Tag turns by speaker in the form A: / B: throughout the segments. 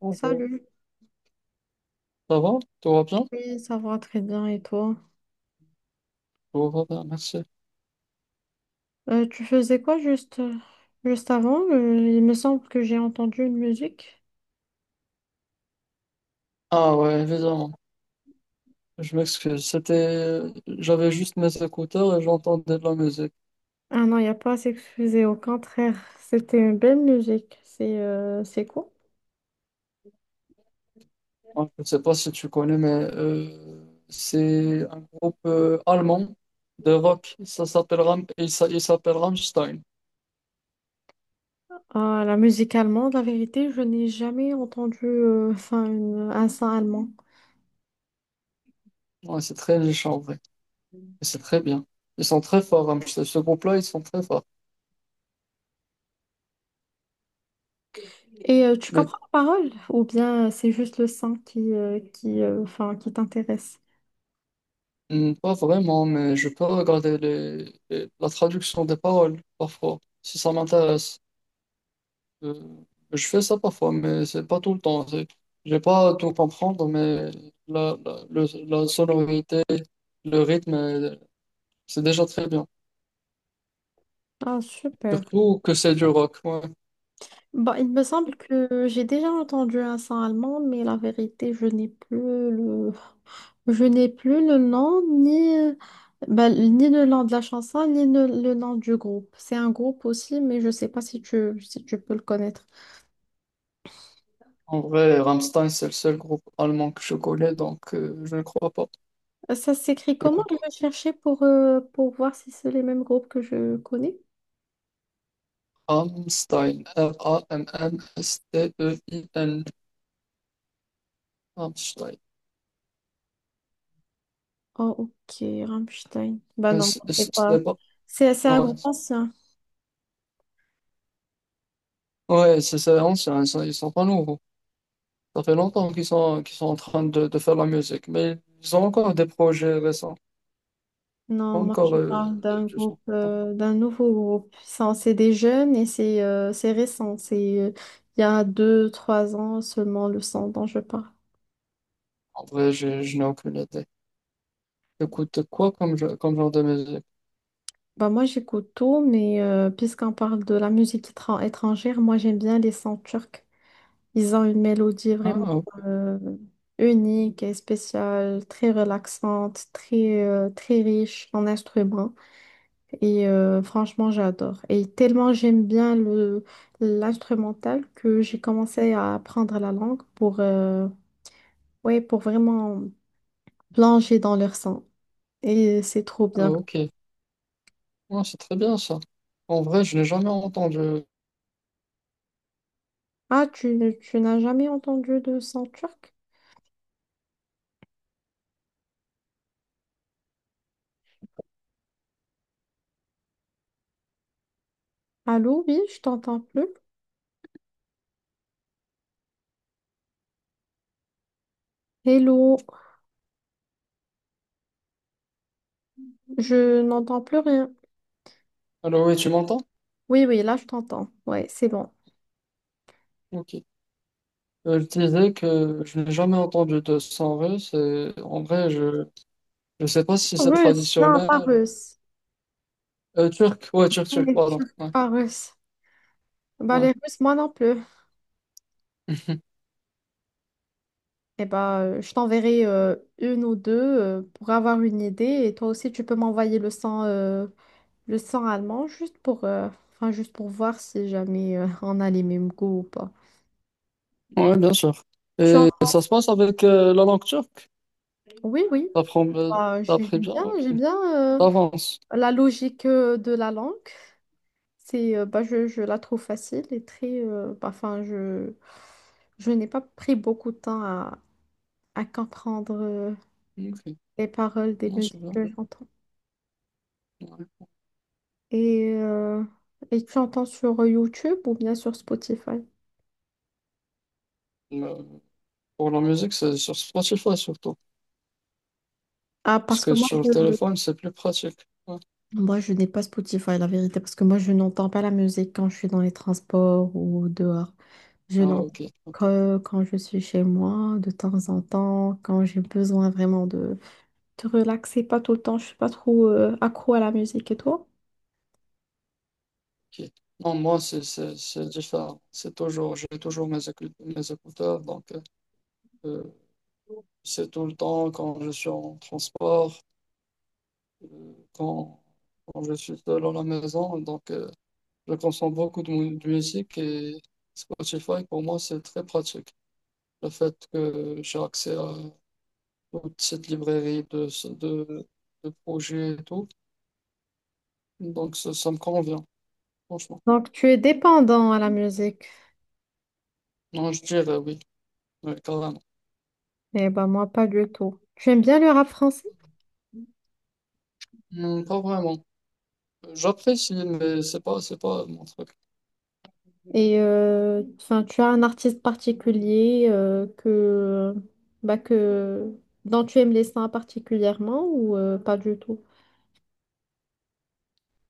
A: Bonjour.
B: Salut.
A: Ça va? Tout va bien?
B: Oui, ça va très bien. Et toi?
A: Tout va bien, merci.
B: Tu faisais quoi juste, juste avant? Il me semble que j'ai entendu une musique.
A: Ah ouais, évidemment. Je m'excuse. C'était, j'avais juste mes écouteurs et j'entendais de la musique.
B: Ah non, il n'y a pas à s'excuser. Au contraire, c'était une belle musique. C'est quoi?
A: Moi, je ne sais pas si tu connais, mais c'est un groupe allemand de rock. Ça s'appelle il s'appelle Rammstein.
B: Ah, la musique allemande, la vérité, je n'ai jamais entendu enfin, un son allemand.
A: Ouais, c'est très riche en vrai. Et c'est très bien. Ils sont très forts, Rammstein. Ce groupe-là, ils sont très forts.
B: Et tu
A: Mais
B: comprends la parole? Ou bien c'est juste le son qui, enfin, qui t'intéresse?
A: hmm, pas vraiment, mais je peux regarder la traduction des paroles parfois, si ça m'intéresse. Euh, je fais ça parfois, mais c'est pas tout le temps. Je vais pas tout comprendre, mais la sonorité, le rythme, c'est déjà très bien.
B: Ah, super.
A: Surtout que c'est du rock. Ouais.
B: Bah, il me semble que j'ai déjà entendu un sang allemand, mais la vérité, je n'ai plus le nom, ni, bah, ni le nom de la chanson, ni le nom du groupe. C'est un groupe aussi, mais je ne sais pas si tu peux le connaître.
A: En vrai, Rammstein, c'est le seul groupe allemand que je connais, donc je ne crois pas.
B: Ça s'écrit comment?
A: Écoute,
B: Je vais chercher pour voir si c'est les mêmes groupes que je connais.
A: Rammstein, Rammstein, Rammstein.
B: Oh, ok, Rammstein. Bah non, c'est
A: C'est
B: pas.
A: pas...
B: C'est un
A: Ouais,
B: groupe ancien.
A: ouais, c'est ancien, ils sont pas nouveaux. Ça fait longtemps qu'ils sont en train de faire de la musique, mais ils ont encore des projets récents.
B: Non,
A: Pas
B: moi
A: encore
B: je parle d'un
A: du son.
B: groupe, d'un nouveau groupe. Ça, c'est des jeunes et c'est récent. C'est il y a 2, 3 ans seulement le son dont je parle.
A: En vrai, je n'ai aucune idée. Écoute quoi comme, comme genre de musique?
B: Bah moi j'écoute tout, mais puisqu'on parle de la musique étrangère, moi j'aime bien les sons turcs. Ils ont une mélodie
A: Ah,
B: vraiment
A: ok.
B: euh, unique et spéciale, très relaxante, très, très riche en instruments. Et franchement, j'adore. Et tellement j'aime bien le l'instrumental que j'ai commencé à apprendre la langue pour, ouais, pour vraiment plonger dans leur son. Et c'est trop
A: Ah,
B: bien.
A: ok. Ah, c'est très bien ça. En vrai, je n'ai jamais entendu.
B: Ah, tu n'as jamais entendu de son turc? Allô, oui, je t'entends plus. Hello, je n'entends plus rien.
A: Alors oui, tu m'entends?
B: Oui, oui, là, je t'entends. Ouais, c'est bon.
A: Ok. Je disais que je n'ai jamais entendu de son russe. Et en vrai, je ne sais pas si c'est
B: Russe, non, pas
A: traditionnel.
B: russe.
A: Euh, turc,
B: Ouais,
A: pardon.
B: turc,
A: Ouais,
B: pas russe. Bah,
A: ouais.
B: les Russes, moi non plus. Eh ben, je t'enverrai une ou deux pour avoir une idée. Et toi aussi, tu peux m'envoyer le sang allemand juste pour, enfin, juste pour voir si jamais on a les mêmes goûts ou pas.
A: Ouais, bien sûr.
B: Je suis en-
A: Et ça se passe avec la langue turque.
B: Oui, oui.
A: T'apprends, euh,
B: Bah,
A: t'apprends bien, ok.
B: j'aime bien
A: T'avances.
B: la logique de la langue. C'est, bah, je la trouve facile et très. Bah, enfin, je n'ai pas pris beaucoup de temps à comprendre
A: Ok,
B: les paroles des
A: non, c'est
B: musiques
A: bien.
B: que j'entends.
A: Ouais.
B: Et, euh, et tu entends sur YouTube ou bien sur Spotify?
A: Mais pour la musique, c'est sur Spotify surtout.
B: Ah,
A: Parce
B: parce que
A: que sur le téléphone, c'est plus pratique. Ouais.
B: moi, je n'ai pas Spotify, la vérité, parce que moi, je n'entends pas la musique quand je suis dans les transports ou dehors. Je
A: Ah,
B: l'entends que quand je suis chez moi, de temps en temps, quand j'ai besoin vraiment de te relaxer, pas tout le temps. Je suis pas trop accro à la musique et toi?
A: ok. Non, moi, c'est différent. C'est toujours, j'ai toujours mes mes écouteurs. Donc, euh, c'est tout le temps quand je suis en transport, euh, quand, quand je suis seul à la maison. Donc, je consomme beaucoup de de musique, et Spotify, pour moi, c'est très pratique. Le fait que j'ai accès à toute cette librairie de, de projets et tout, donc ça me convient, franchement.
B: Donc, tu es dépendant à la musique.
A: Non, je dirais oui, carrément.
B: Eh ben, moi, pas du tout. Tu aimes bien le rap français?
A: Non, pas vraiment. J'apprécie, mais c'est pas mon truc.
B: Et enfin, tu as un artiste particulier bah, que, dont tu aimes les sons particulièrement ou pas du tout?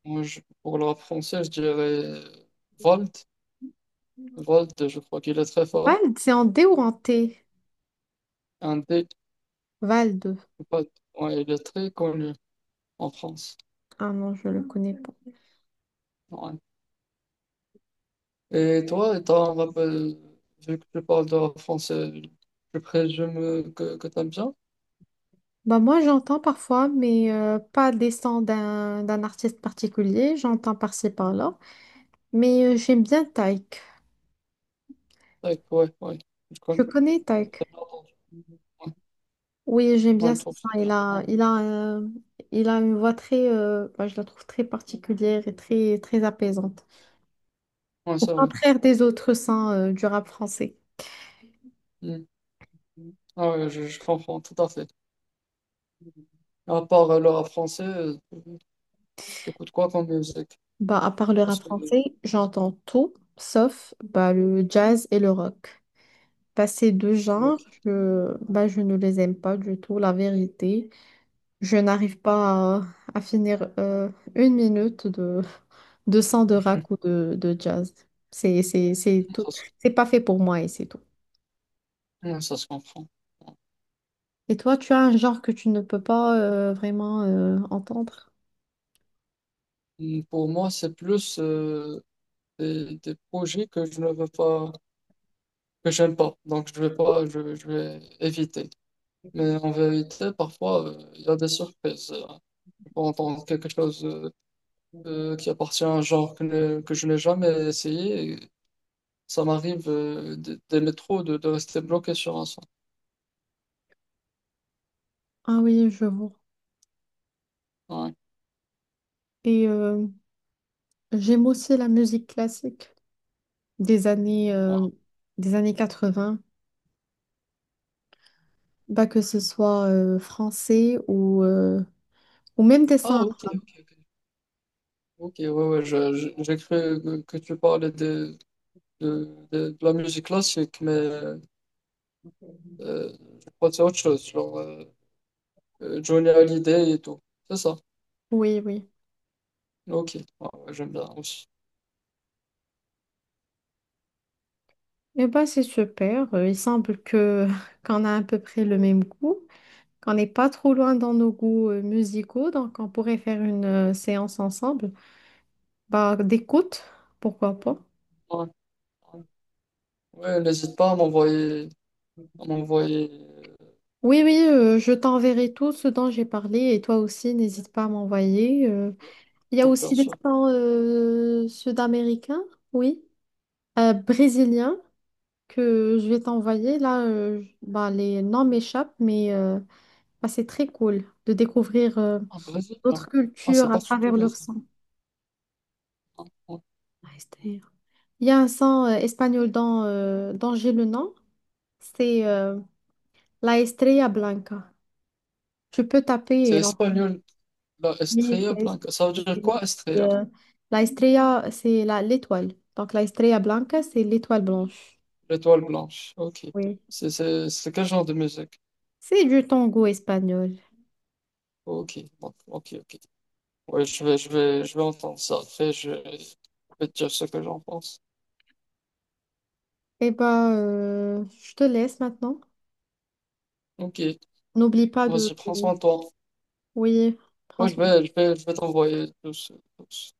A: Moi, pour le rap français, je dirais Volt. Volt, je crois qu'il est très fort.
B: Vald, c'est en D ou en T?
A: Un D,
B: Vald.
A: pas- ouais, il est très connu en France.
B: Ah non, je le connais pas.
A: Ouais. Et toi, t'as un rappel, vu que tu parles de rap français, je présume que t'aimes bien?
B: Bah, moi, j'entends parfois, mais pas des sons d'un artiste particulier. J'entends par-ci, par-là. Mais j'aime bien Taïk.
A: Ouais. Je
B: Tu
A: connais.
B: connais Taïk?
A: T'as bien entendu. Ouais,
B: Oui, j'aime
A: ouais,
B: bien
A: je
B: ce
A: trouve que
B: son.
A: c'est bien. Ouais,
B: Il a une voix très… bah, je la trouve très particulière et très, très apaisante.
A: ouais
B: Au
A: c'est vrai.
B: contraire des autres sons du rap français.
A: Hmm. Ah ouais, je comprends tout à fait. À part le rap français, t'écoutes quoi comme musique?
B: Bah, à part le rap
A: Parce que,
B: français, j'entends tout, sauf bah, le jazz et le rock. Bah, ces deux
A: ok,
B: genres, bah, je ne les aime pas du tout, la vérité. Je n'arrive pas à, à finir une minute de son de rock ou de jazz. C'est tout.
A: ça se,
B: C'est pas fait pour moi et c'est tout.
A: ouais, ça se comprend.
B: Et toi, tu as un genre que tu ne peux pas vraiment entendre?
A: Hmm, pour moi, c'est plus des projets que je ne veux pas, que j'aime pas. Donc, je vais pas, je vais éviter. Mais en vérité, parfois, il y a des surprises. On peut entendre quelque chose qui appartient à un genre que, que je n'ai jamais essayé. Et ça m'arrive des métros de rester bloqué sur un son.
B: Ah oui, je vois.
A: Ouais.
B: Et j'aime aussi la musique classique des années,
A: Ah,
B: euh, des années 80, bah, que ce soit français ou, ou même des
A: ah,
B: saints.
A: ok. Ok, ouais, j'ai cru que tu parlais de, de la musique classique, mais je crois que c'est autre chose, genre Johnny Hallyday et tout. C'est ça.
B: Oui, oui.
A: Ok, ouais, ouais, j'aime bien aussi.
B: Eh bah, c'est super. Il semble que qu'on a à peu près le même goût, qu'on n'est pas trop loin dans nos goûts musicaux, donc on pourrait faire une séance ensemble. Bah, d'écoute, pourquoi pas.
A: Ouais, ouais. Ouais, n'hésite pas à m'envoyer. On m'envoyait,
B: Oui, oui, je t'enverrai tout ce dont j'ai parlé et toi aussi, n'hésite pas à m'envoyer. Il y a
A: ouais, bien
B: aussi des
A: sûr,
B: pains sud-américains, oui, brésiliens, que je vais t'envoyer. Là, bah, les noms m'échappent, mais bah, c'est très cool de découvrir
A: un
B: d'autres
A: Brésilien. Ah, c'est
B: cultures à travers
A: particulier,
B: leur
A: ça.
B: sang.
A: Ah, ouais.
B: Ah, Esther. Il y a un sang espagnol dont j'ai le nom, c'est la Estrella Blanca. Tu peux taper
A: C'est
B: et l'envoyer.
A: espagnol, la Estrella Blanca. Ça veut dire quoi, Estrella?
B: La Estrella, c'est l'étoile. Donc la Estrella Blanca, c'est l'étoile blanche.
A: L'étoile blanche. Ok.
B: Oui.
A: C'est quel genre de musique?
B: C'est du tango espagnol.
A: Ok, bon, ok. Ouais, je vais entendre ça. Après, je vais te dire ce que j'en pense.
B: Eh ben, je te laisse maintenant.
A: Ok,
B: N'oublie pas de…
A: vas-y, prends soin de toi.
B: Oui,
A: Moi,
B: franchement.
A: je vais t'envoyer tous,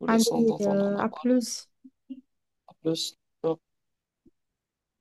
A: tous les sons
B: Allez,
A: dont on en a
B: à
A: parlé.
B: plus.
A: À plus.